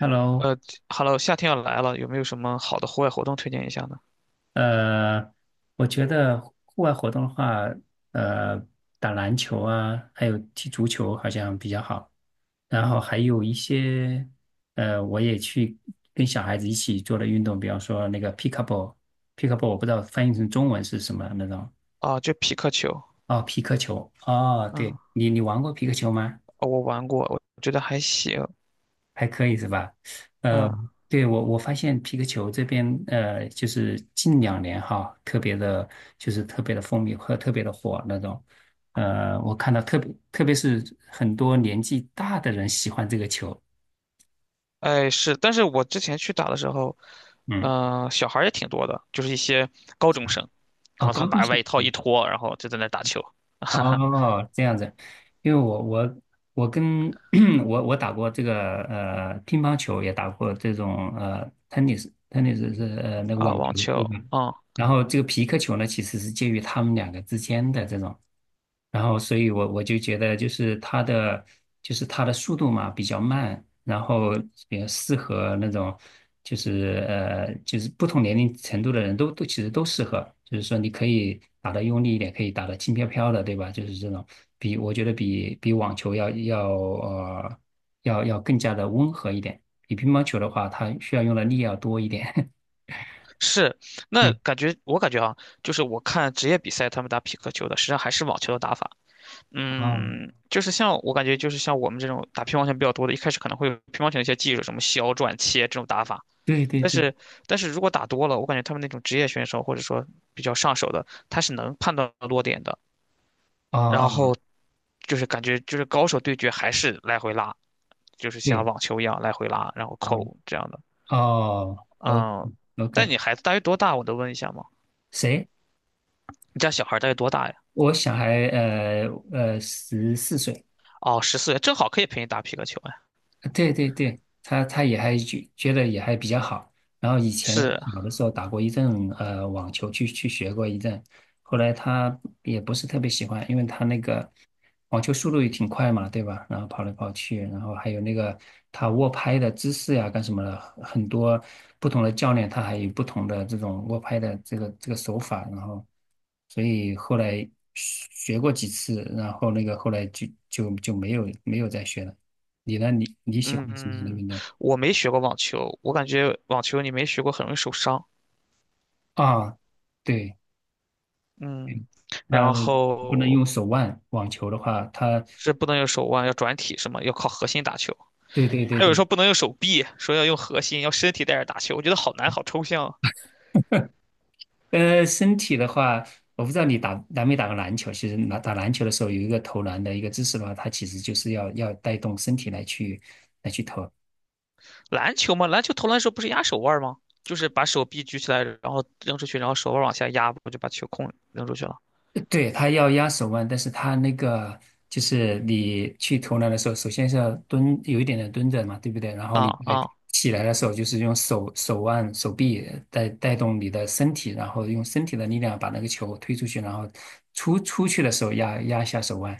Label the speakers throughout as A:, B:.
A: Hello，
B: 呃 夏天要来了，有没有什么好的户外活动推荐一下呢？
A: 呃，我觉得户外活动的话，呃，打篮球啊，还有踢足球好像比较好。然后还有一些，我也去跟小孩子一起做的运动，比方说那个 p i c k l e b l l p i c k l e b l l 我不知道翻译成中文是什么那种。
B: 啊，就匹克球。
A: 哦，皮克球。哦，对，
B: 嗯。
A: 你玩过皮克球吗？
B: 哦，我玩过，我觉得还行。
A: 还可以是吧？呃，
B: 嗯。
A: 对，我发现皮克球这边，就是近2年哈，特别的，就是特别的风靡和特别的火那种。我看到特别是很多年纪大的人喜欢这个球。
B: 哎，是。但是我之前去打的时候，
A: 嗯。
B: 小孩儿也挺多的，就是一些高中生，然
A: 哦，
B: 后他
A: 高
B: 们
A: 中
B: 把
A: 生。
B: 外套一
A: 嗯。
B: 脱，然后就在那儿打球。
A: 哦，这样子。因为我跟 我打过这个乒乓球，也打过这种tennis 是那个
B: 啊，
A: 网球
B: 网球。
A: 吧。
B: 嗯。
A: 然后这个皮克球呢，其实是介于他们两个之间的这种，然后所以我就觉得就是它的速度嘛比较慢，然后比较适合那种就是不同年龄程度的人都其实都适合，就是说你可以打得用力一点，可以打得轻飘飘的，对吧？就是这种比我觉得比网球要要更加的温和一点，比乒乓球的话，它需要用的力要多一点。
B: 是。那
A: 嗯。
B: 感觉我感觉啊，就是我看职业比赛他们打匹克球的，实际上还是网球的打法。
A: 哦，
B: 嗯，就是像我感觉，就是像我们这种打乒乓球比较多的，一开始可能会有乒乓球的一些技术，什么削、转、切这种打法。
A: 对对
B: 但
A: 对。
B: 是，但是如果打多了，我感觉他们那种职业选手或者说比较上手的，他是能判断落点的。
A: 哦，
B: 然后
A: 哦
B: 就是感觉就是高手对决还是来回拉，就是像
A: 对。
B: 网球一样来回拉，然后
A: 嗯。
B: 扣这样的。
A: 哦。哦
B: 嗯。但
A: ，OK。
B: 你孩子大约多大？我能问一下吗？
A: 谁？
B: 你家小孩大约多大呀？
A: 我小孩14岁。
B: 哦，14岁，正好可以陪你打皮克球呀。
A: 对对对，他也还觉得也还比较好。然后以前
B: 是。
A: 有的时候打过一阵网球去学过一阵，后来他也不是特别喜欢，因为他那个网球速度也挺快嘛，对吧？然后跑来跑去，然后还有那个他握拍的姿势呀，干什么的，很多不同的教练他还有不同的这种握拍的这个手法，然后所以后来学过几次，然后那个后来就没有再学了。你呢？你喜欢什么样的
B: 嗯。
A: 运动？
B: 我没学过网球，我感觉网球你没学过很容易受伤。
A: 啊，对，
B: 嗯。
A: 呃，
B: 然
A: 不能
B: 后
A: 用手腕。网球的话，它，
B: 是不能用手腕，要转体什么，要靠核心打球。
A: 对对对
B: 还有人
A: 对。
B: 说不能用手臂，说要用核心，要身体带着打球。我觉得好难，好抽象啊。
A: 身体的话，我不知道你打没打过篮球。其实打打篮球的时候，有一个投篮的一个姿势的话，它其实就是要带动身体来去
B: 篮球嘛，篮球投篮的时候不是压手腕吗？就是把手臂举起来，然后扔出去，然后手腕往下压，不就把球控扔出去了？
A: 对，他要压手腕，但是他那个就是你去投篮的时候，首先是要蹲，有一点点蹲着嘛，对不对？然后你
B: 啊
A: 再
B: 啊，
A: 起来的时候，就是用手腕、手臂带动你的身体，然后用身体的力量把那个球推出去，然后出去的时候压压一下手腕。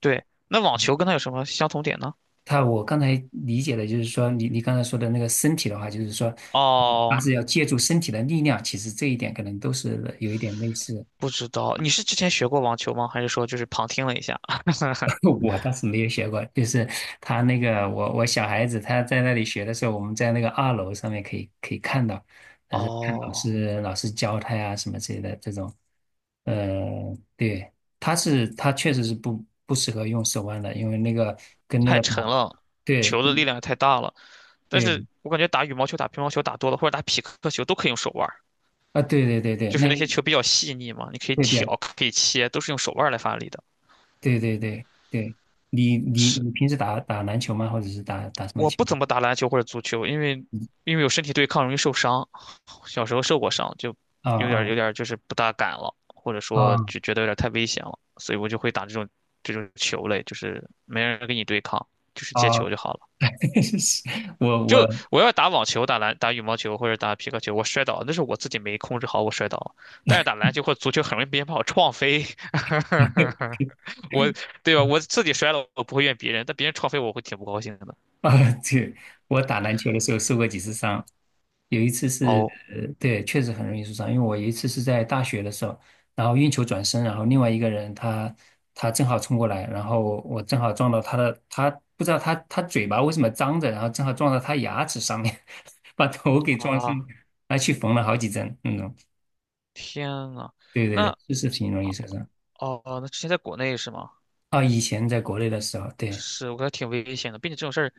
B: 对。那网球跟它有什么相同点呢？
A: 他我刚才理解的就是说，你刚才说的那个身体的话，就是说，他
B: 哦，
A: 是要借助身体的力量，其实这一点可能都是有一点类似。
B: 不知道。你是之前学过网球吗？还是说就是旁听了一下？
A: 我倒是没有学过，就是他那个我小孩子他在那里学的时候，我们在那个二楼上面可以看到，但是看老
B: 哦，
A: 师老师教他呀什么之类的这种，对，他确实是不适合用手腕的，因为那个跟那
B: 太
A: 个打，
B: 沉了，
A: 对
B: 球的力量也太大了。但
A: 对
B: 是我感觉打羽毛球、打乒乓球打多了，或者打匹克球都可以用手腕儿，
A: 啊，对对对对。
B: 就是
A: 那
B: 那些球比较细腻嘛，你可以
A: 对比，
B: 挑，可以切，都是用手腕儿来发力的。
A: 对对对对。你你
B: 是。
A: 你平时打打篮球吗？或者是打打什么
B: 我
A: 球？
B: 不怎么打篮球或者足球，因为有身体对抗容易受伤，小时候受过伤，就
A: 啊
B: 有点儿有
A: 啊
B: 点儿就是不大敢了，或者说
A: 啊
B: 就觉得有点儿太危险了，所以我就会打这种球类，就是没人跟你对抗，就是接球
A: 啊！
B: 就好了。
A: 我
B: 就我要打网球、打篮、打羽毛球或者打皮克球，我摔倒那是我自己没控制好，我摔倒了。但是打篮球或足球很容易别人把我撞飞。我对吧？我 自己摔了，我不会怨别人，但别人撞飞我会挺不高兴的。
A: 啊，对，我打篮球的时候受过几次伤，有一次是，
B: 哦。
A: 对，确实很容易受伤，因为我有一次是在大学的时候，然后运球转身，然后另外一个人他正好冲过来，然后我正好撞到他的，他不知道他嘴巴为什么张着，然后正好撞到他牙齿上面，把头给撞伤，
B: 啊，
A: 还去缝了好几针
B: 天呐。
A: 对对对，
B: 那
A: 就是挺容易受伤。
B: 哦，那之前在国内是吗？
A: 啊，以前在国内的时候，对。
B: 是，我感觉挺危险的，并且这种事儿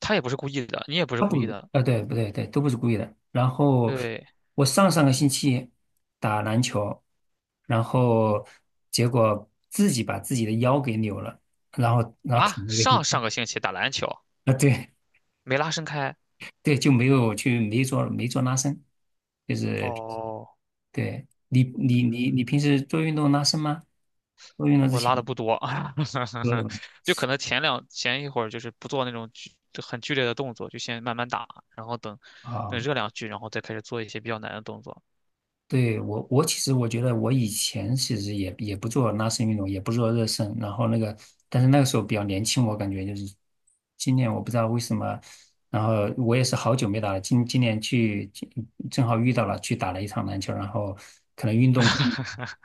B: 他也不是故意的，你也不是
A: 他
B: 故意
A: 不，
B: 的。
A: 对，不对，对，都不是故意的。然后
B: 对
A: 我上上个星期打篮球，然后结果自己把自己的腰给扭了，然后
B: 啊，
A: 躺了一个星
B: 上
A: 期。
B: 上个星期打篮球
A: 啊，对
B: 没拉伸开。
A: 对，就没有去没做没做拉伸，就是
B: 哦。
A: 对你平
B: 嗯，
A: 时做运动拉伸吗？做运动之
B: 我
A: 前
B: 拉的不多。
A: 都有 吗
B: 就可能前一会儿就是不做那种很剧烈的动作，就先慢慢打，然后等
A: 啊。
B: 热两局，然后再开始做一些比较难的动作。
A: 对，我其实我觉得我以前其实也不做拉伸运动，也不做热身，然后那个，但是那个时候比较年轻，我感觉就是今年我不知道为什么，然后我也是好久没打了，今年正好遇到了，去打了一场篮球，然后可能运动过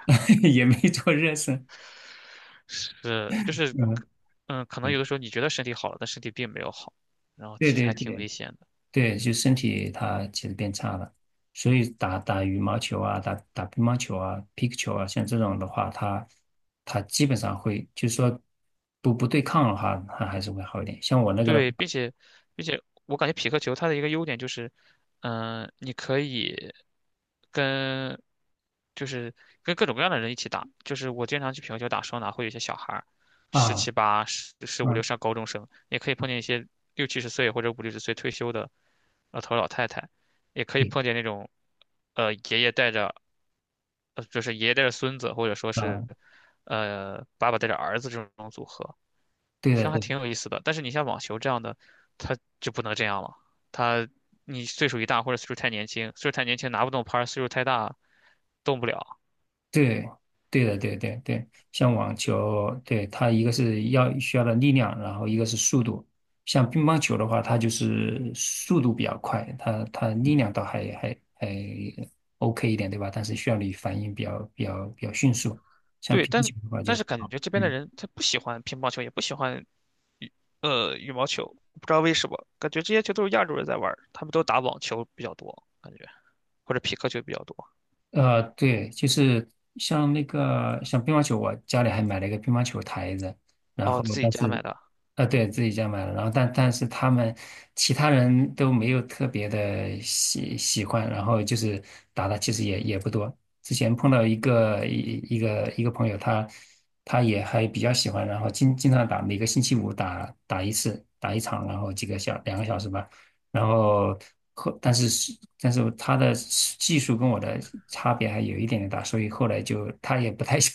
A: 也没做热身，
B: 是，就是。
A: 嗯，
B: 嗯，可能
A: 对
B: 有的时候你觉得身体好了，但身体并没有好，然后
A: 对
B: 其实
A: 对
B: 还挺
A: 对。
B: 危险的。
A: 对，就身体它其实变差了，所以打打羽毛球啊，打打乒乓球啊、皮克球啊，像这种的话，它基本上会，就是说不对抗的话，它还是会好一点。像我那个的话
B: 对。并且我感觉匹克球它的一个优点就是，嗯、你可以跟就是各种各样的人一起打。就是我经常去匹克球打双打，会有一些小孩儿，十
A: 啊，
B: 七八、十五六
A: 嗯，
B: 上高中生，也可以碰见一些六七十岁或者五六十岁退休的老头儿老太太，也可以
A: 对
B: 碰见那种呃爷爷带着爷爷带着孙子，或者说是
A: 啊，
B: 爸爸带着儿子这种组合。
A: 对
B: 实际
A: 的，
B: 上还
A: 对的
B: 挺有意思的。但是你像网球这样的，他就不能这样了。他你岁数一大或者岁数太年轻拿不动拍儿，岁数太大动不了。
A: 对，对的，对对对，像网球，对，它一个是需要的力量，然后一个是速度。像乒乓球的话，它就是速度比较快，它力量倒还 OK 一点，对吧？但是需要你反应比较迅速。像
B: 对。
A: 乒乓
B: 但
A: 球的话
B: 但
A: 就
B: 是感
A: 好，
B: 觉这边的
A: 嗯。
B: 人他不喜欢乒乓球，也不喜欢羽毛球，不知道为什么，感觉这些球都是亚洲人在玩儿他们都打网球比较多，感觉或者匹克球比较多。
A: 对，就是像那个像乒乓球，我家里还买了一个乒乓球台子，然
B: 哦，
A: 后
B: 自己
A: 但
B: 家
A: 是，
B: 买的。
A: 对，自己家买了，然后但是他们其他人都没有特别的喜欢，然后就是打的其实也不多。之前碰到一个朋友，他也还比较喜欢，然后经常打，每个星期五打打一次，打一场，然后几个小2个小时吧。然后，但是他的技术跟我的差别还有一点点大，所以后来就他也不太想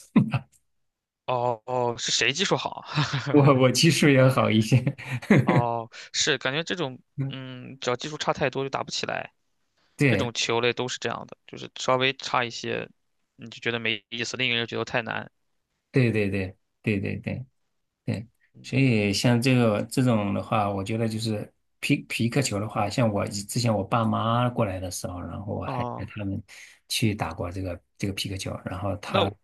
B: 哦哦，是谁技术好啊？
A: 我技术要好一些。
B: 哦，是感觉这种
A: 嗯，
B: 只要技术差太多就打不起来。这
A: 对，
B: 种球类都是这样的，就是稍微差一些，你就觉得没意思，另一个人觉得太难。
A: 对对对对对对对，所以像这个这种的话，我觉得就是皮克球的话，像我之前我爸妈过来的时候，然后我还带
B: 哦，
A: 他们去打过这个皮克球，然后
B: 那
A: 他
B: 我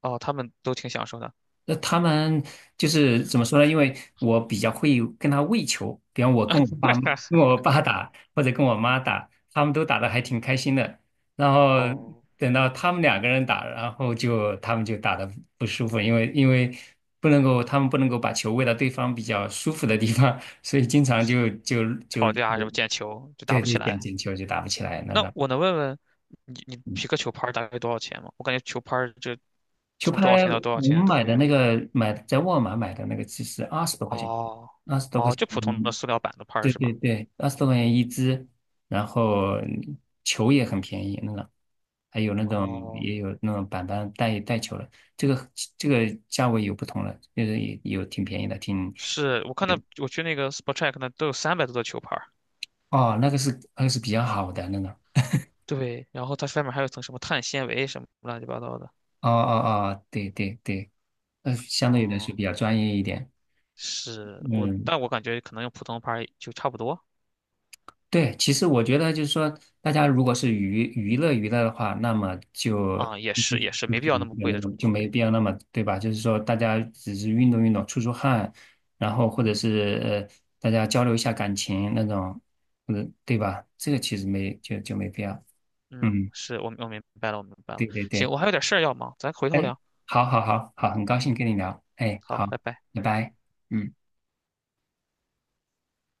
B: 哦，他们都挺享受的。
A: 他们就是怎么说呢？因为我比较会跟他喂球，比方我跟我爸打，或者跟我妈打，他们都打得还挺开心的。然后
B: 哦，
A: 等到他们两个人打，然后他们就打得不舒服，因为不能够，他们不能够把球喂到对方比较舒服的地方，所以经常就就就
B: 吵架什么毽球就打
A: 对
B: 不
A: 对
B: 起
A: 点
B: 来。
A: 进球就打不起来那
B: 那
A: 种。
B: 我能问问你，你
A: 嗯
B: 皮克球拍儿大概多少钱吗？我感觉球拍就
A: 球
B: 从多少
A: 拍
B: 钱到多少
A: 我
B: 钱
A: 们买
B: 都
A: 的
B: 有。
A: 那个买在沃尔玛买的那个，其实二十多块钱，
B: 哦。
A: 二十多块
B: 哦，
A: 钱。
B: 就普通的
A: 嗯，
B: 塑料板的拍儿
A: 对
B: 是吧？
A: 对对，二十多块钱一支，然后球也很便宜，那个还有那种
B: 哦，
A: 也有那种板带球的，这个这个价位有不同了，就是也有挺便宜的，挺
B: 是我看到我去那个 SportTreck 那都有300多的球拍儿。
A: 哦，那个是比较好的那个，
B: 对，然后它外面还有一层什么碳纤维什么乱七八糟的。
A: 哦哦哦，对对对，相对来说
B: 哦。
A: 比较专业一点，
B: 是
A: 嗯。
B: 但我感觉可能用普通牌儿就差不多。
A: 对，其实我觉得就是说，大家如果是娱乐娱乐的话，那么
B: 啊，也
A: 就
B: 是也是
A: 就
B: 没必要那么
A: 就
B: 贵
A: 那
B: 的
A: 个就
B: 装
A: 没
B: 备。
A: 必要那么对吧？就是说，大家只是运动运动、出汗，然后或者是大家交流一下感情那种，或者对吧？这个其实没就就没必要。
B: 嗯，
A: 嗯，
B: 是我明白了，我明白了。
A: 对对
B: 行，
A: 对，
B: 我还有点事儿要忙，咱回头
A: 哎，
B: 聊。
A: 好好好好，很高兴
B: 嗯，
A: 跟你聊，哎，
B: 好，
A: 好，
B: 拜拜。
A: 拜拜。嗯。